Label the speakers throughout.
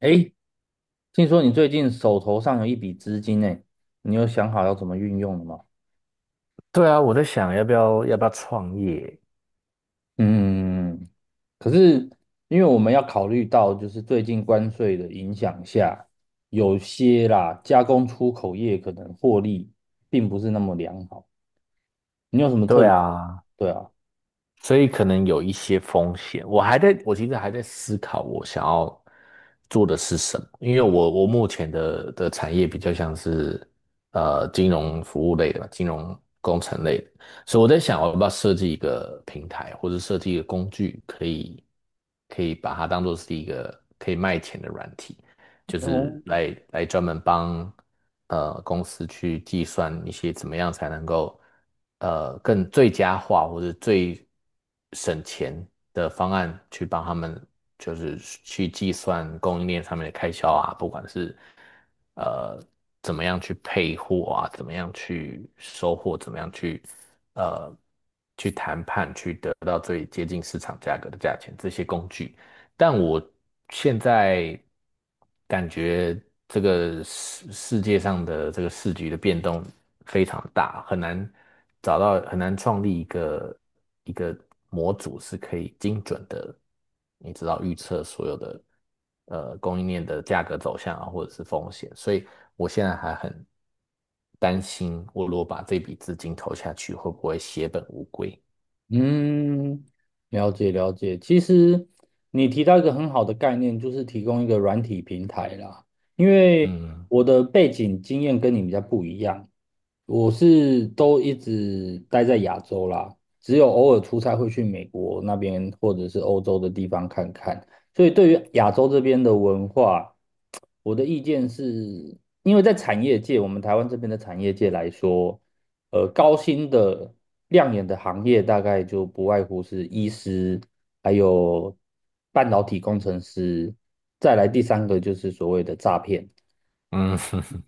Speaker 1: 诶，听说你最近手头上有一笔资金呢，你有想好要怎么运用了吗？
Speaker 2: 对啊，我在想要不要创业？
Speaker 1: 嗯，可是因为我们要考虑到，就是最近关税的影响下，有些啦加工出口业可能获利并不是那么良好。你有什么特
Speaker 2: 对
Speaker 1: 别？
Speaker 2: 啊，
Speaker 1: 对啊，
Speaker 2: 所以可能有一些风险。我其实还在思考我想要做的是什么，因为我目前的产业比较像是金融服务类的吧，金融工程类的，所以我在想我要不要设计一个平台或者设计一个工具，可以把它当做是一个可以卖钱的软体。就
Speaker 1: 哦，
Speaker 2: 是专门帮公司去计算一些怎么样才能够更最佳化或者最省钱的方案，去帮他们就是去计算供应链上面的开销啊，不管是呃怎么样去配货啊，怎么样去收货，怎么样去呃去谈判，去得到最接近市场价格的价钱，这些工具。但我现在感觉这个世界上的这个市局的变动非常大，很难创立一个模组是可以精准的，你知道预测所有的供应链的价格走向啊，或者是风险，所以我现在还很担心，我如果把这笔资金投下去，会不会血本无归？
Speaker 1: 嗯，了解了解。其实你提到一个很好的概念，就是提供一个软体平台啦。因为
Speaker 2: 嗯
Speaker 1: 我的背景经验跟你比较不一样，我是都一直待在亚洲啦，只有偶尔出差会去美国那边或者是欧洲的地方看看。所以对于亚洲这边的文化，我的意见是，因为在产业界，我们台湾这边的产业界来说。高薪的亮眼的行业大概就不外乎是医师，还有半导体工程师，再来第三个就是所谓的诈骗。
Speaker 2: 嗯，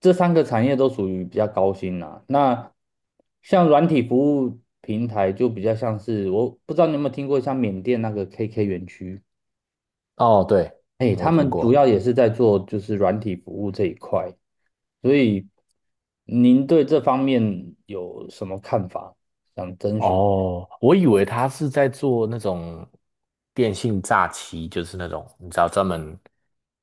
Speaker 1: 这三个产业都属于比较高薪啦、那像软体服务平台就比较像是，我不知道你有没有听过像缅甸那个 KK 园区，
Speaker 2: 哦，对，
Speaker 1: 哎，
Speaker 2: 我
Speaker 1: 他
Speaker 2: 听
Speaker 1: 们主
Speaker 2: 过。
Speaker 1: 要也是在做就是软体服务这一块，所以您对这方面有什么看法？想征询。
Speaker 2: 哦，我以为他是在做那种电信诈欺，就是那种你知道专门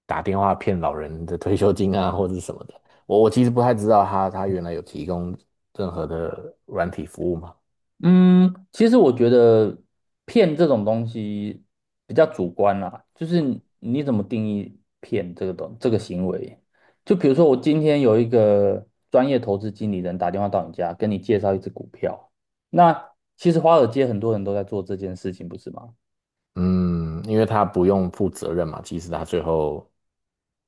Speaker 2: 打电话骗老人的退休金啊，或者是什么的。我其实不太知道他原来有提供任何的软体服务吗？
Speaker 1: 嗯，其实我觉得骗这种东西比较主观啦，就是你怎么定义骗这个东这个行为？就比如说，我今天有一个专业投资经理人打电话到你家，跟你介绍一只股票，那其实华尔街很多人都在做这件事情，不是吗？
Speaker 2: 嗯，因为他不用负责任嘛，即使他最后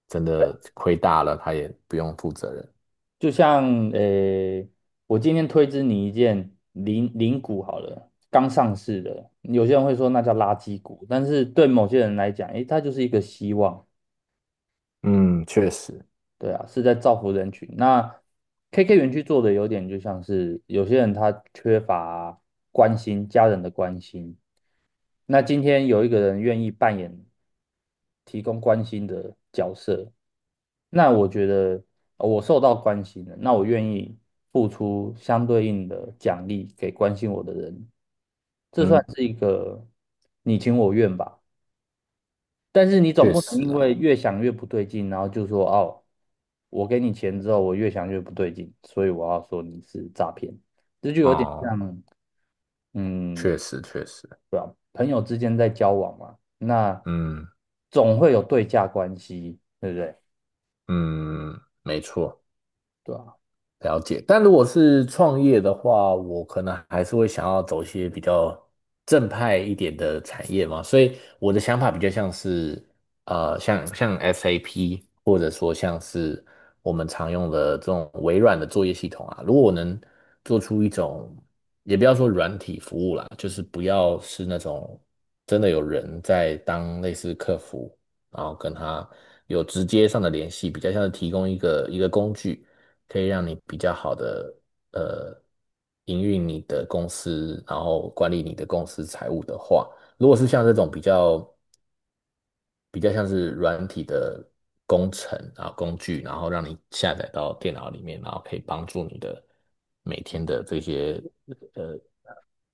Speaker 2: 真的亏大了，他也不用负责任。
Speaker 1: 就像呃，我今天推知你一件零零股好了，刚上市的，有些人会说那叫垃圾股，但是对某些人来讲，诶，它就是一个希望。
Speaker 2: 嗯，确实。
Speaker 1: 对啊，是在造福人群。那 KK 园区做的有点就像是有些人他缺乏关心，家人的关心。那今天有一个人愿意扮演提供关心的角色，那我觉得我受到关心了，那我愿意付出相对应的奖励给关心我的人，这算
Speaker 2: 嗯，
Speaker 1: 是一个你情我愿吧。但是你总
Speaker 2: 确
Speaker 1: 不能
Speaker 2: 实
Speaker 1: 因为
Speaker 2: 啦。
Speaker 1: 越想越不对劲，然后就说哦，我给你钱之后，我越想越不对劲，所以我要说你是诈骗，这就有点
Speaker 2: 哦，
Speaker 1: 像，嗯，
Speaker 2: 确实确实。
Speaker 1: 对吧？朋友之间在交往嘛，那
Speaker 2: 嗯
Speaker 1: 总会有对价关系，对不对？
Speaker 2: 嗯，没错。
Speaker 1: 对啊，
Speaker 2: 了解，但如果是创业的话，我可能还是会想要走一些比较正派一点的产业嘛，所以我的想法比较像是，像 SAP，或者说像是我们常用的这种微软的作业系统啊，如果我能做出一种，也不要说软体服务啦，就是不要是那种真的有人在当类似客服，然后跟他有直接上的联系，比较像是提供一个工具。可以让你比较好的呃营运你的公司，然后管理你的公司财务的话，如果是像这种比较像是软体的工程啊工具，然后让你下载到电脑里面，然后可以帮助你的每天的这些呃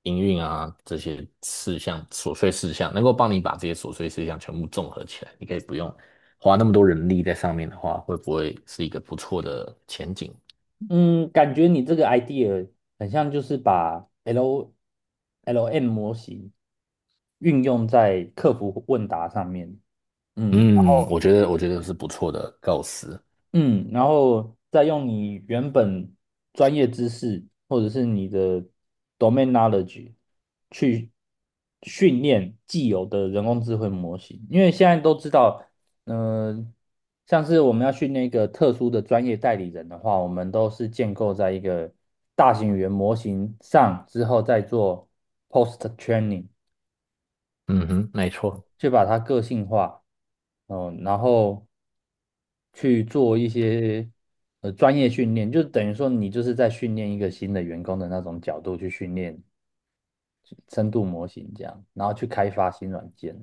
Speaker 2: 营运啊这些琐碎事项，能够帮你把这些琐碎事项全部综合起来，你可以不用花那么多人力在上面的话，会不会是一个不错的前景？
Speaker 1: 嗯，感觉你这个 idea 很像就是把 LLM 模型运用在客服问答上面，嗯。
Speaker 2: 嗯，我觉得是不错的构思。
Speaker 1: 嗯，然后再用你原本专业知识或者是你的 domain knowledge 去训练既有的人工智慧模型，因为现在都知道，嗯、像是我们要训练一个特殊的专业代理人的话，我们都是建构在一个大型语言模型上之后再做 post training，
Speaker 2: 嗯哼，没错。
Speaker 1: 去把它个性化，然后去做一些专业训练，就等于说你就是在训练一个新的员工的那种角度去训练深度模型这样，然后去开发新软件。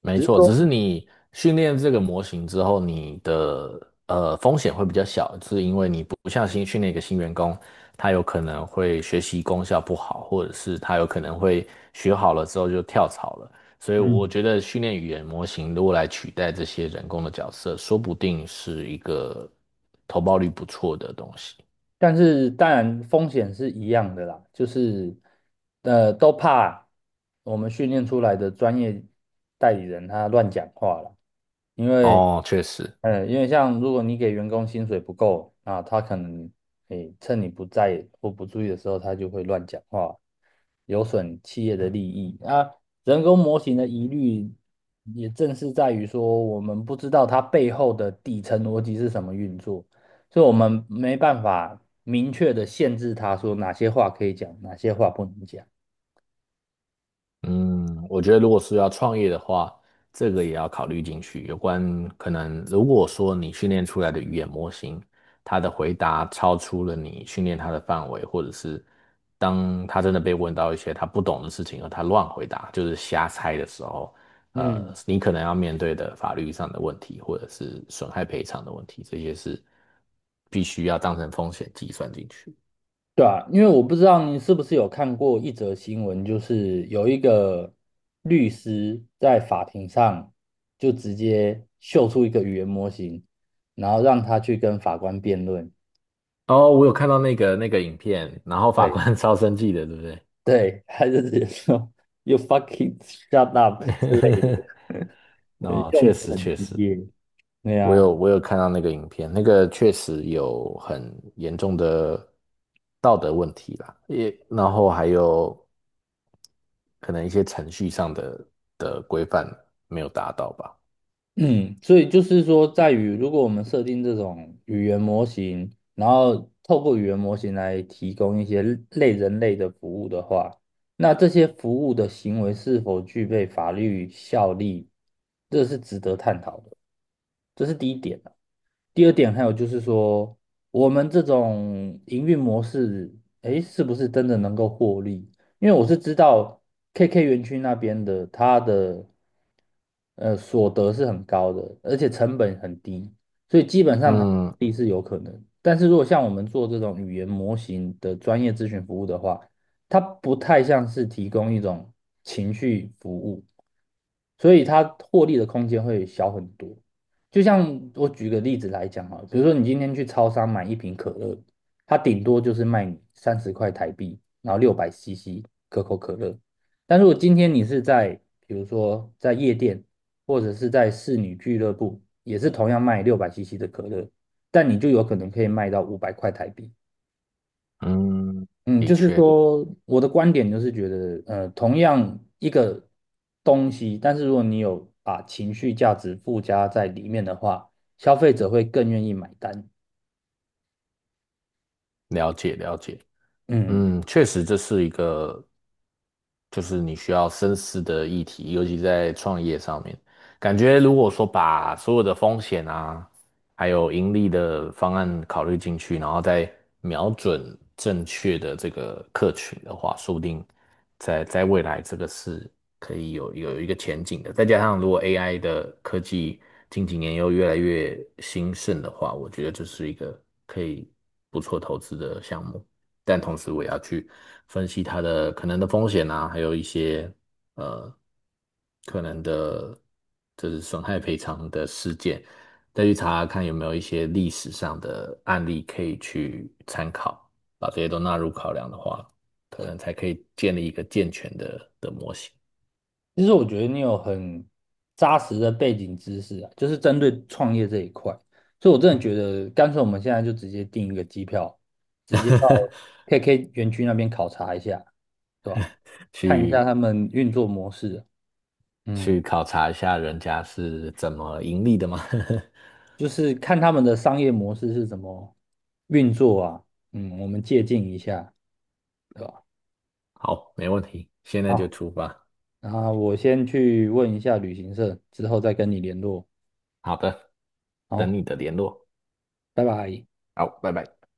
Speaker 2: 没
Speaker 1: 只是
Speaker 2: 错。只是
Speaker 1: 说，
Speaker 2: 你训练这个模型之后，你的风险会比较小，是因为你不像新训练一个新员工，他有可能会学习功效不好，或者是他有可能会学好了之后就跳槽了。所以我
Speaker 1: 嗯，
Speaker 2: 觉得训练语言模型如果来取代这些人工的角色，说不定是一个投报率不错的东西。
Speaker 1: 但是当然风险是一样的啦，就是都怕我们训练出来的专业代理人他乱讲话了，因为
Speaker 2: 哦，确实。
Speaker 1: 因为像如果你给员工薪水不够啊，他可能趁你不在或不注意的时候，他就会乱讲话，有损企业的利益啊。人工模型的疑虑也正是在于说，我们不知道它背后的底层逻辑是什么运作。所以我们没办法明确的限制他说哪些话可以讲，哪些话不能讲。
Speaker 2: 嗯，我觉得如果是要创业的话，这个也要考虑进去。有关可能，如果说你训练出来的语言模型，它的回答超出了你训练它的范围，或者是当他真的被问到一些他不懂的事情，而他乱回答，就是瞎猜的时候，
Speaker 1: 嗯，
Speaker 2: 你可能要面对的法律上的问题，或者是损害赔偿的问题，这些是必须要当成风险计算进去。
Speaker 1: 对啊，因为我不知道你是不是有看过一则新闻，就是有一个律师在法庭上就直接秀出一个语言模型，然后让他去跟法官辩论。
Speaker 2: 哦，我有看到那个影片，然后法
Speaker 1: 对，
Speaker 2: 官 超生气的，对不对？
Speaker 1: 对，他就直接说 "You fucking shut up" 之类的，
Speaker 2: 哦，
Speaker 1: 用
Speaker 2: 确
Speaker 1: 词
Speaker 2: 实
Speaker 1: 很
Speaker 2: 确
Speaker 1: 激
Speaker 2: 实。
Speaker 1: 烈。对
Speaker 2: 我
Speaker 1: 呀、
Speaker 2: 有我有看到那个影片，那个确实有很严重的道德问题啦，也然后还有可能一些程序上的规范没有达到吧。
Speaker 1: 嗯，所以就是说，在于如果我们设定这种语言模型，然后透过语言模型来提供一些类人类的服务的话，那这些服务的行为是否具备法律效力，这是值得探讨的，这是第一点啊。第二点还有就是说，我们这种营运模式，诶，是不是真的能够获利？因为我是知道 KK 园区那边的，它的所得是很高的，而且成本很低，所以基本上它获
Speaker 2: 嗯
Speaker 1: 利是有可能。但是如果像我们做这种语言模型的专业咨询服务的话，它不太像是提供一种情绪服务，所以它获利的空间会小很多。就像我举个例子来讲啊，比如说你今天去超商买一瓶可乐，它顶多就是卖你30块台币，然后六百 CC 可口可乐。但如果今天你是在比如说在夜店或者是在侍女俱乐部，也是同样卖六百 CC 的可乐，但你就有可能可以卖到500块台币。
Speaker 2: 嗯，
Speaker 1: 嗯，
Speaker 2: 的
Speaker 1: 就是
Speaker 2: 确。
Speaker 1: 说，我的观点就是觉得，同样一个东西，但是如果你有把情绪价值附加在里面的话，消费者会更愿意买单。
Speaker 2: 了解了解。
Speaker 1: 嗯，
Speaker 2: 嗯，确实这是一个就是你需要深思的议题，尤其在创业上面，感觉如果说把所有的风险啊，还有盈利的方案考虑进去，然后再瞄准正确的这个客群的话，说不定在未来这个是可以有一个前景的。再加上如果 AI 的科技近几年又越来越兴盛的话，我觉得这是一个可以不错投资的项目。但同时我也要去分析它的可能的风险啊，还有一些呃可能的，就是损害赔偿的事件，再去查看有没有一些历史上的案例可以去参考，把这些都纳入考量的话，可能才可以建立一个健全的模型。
Speaker 1: 其实我觉得你有很扎实的背景知识啊，就是针对创业这一块，所以我真的觉得，干脆我们现在就直接订一个机票，直接到 KK 园区那边考察一下，对吧？看一下
Speaker 2: 去
Speaker 1: 他们运作模式啊。嗯。
Speaker 2: 去考察一下人家是怎么盈利的吗？
Speaker 1: 就是看他们的商业模式是怎么运作啊，我们借鉴一下，对吧？
Speaker 2: 好，没问题，现在就
Speaker 1: 好，
Speaker 2: 出发。
Speaker 1: 然后我先去问一下旅行社，之后再跟你联络。
Speaker 2: 好的，等
Speaker 1: 好，
Speaker 2: 你的联络。
Speaker 1: 拜拜。
Speaker 2: 好，拜拜。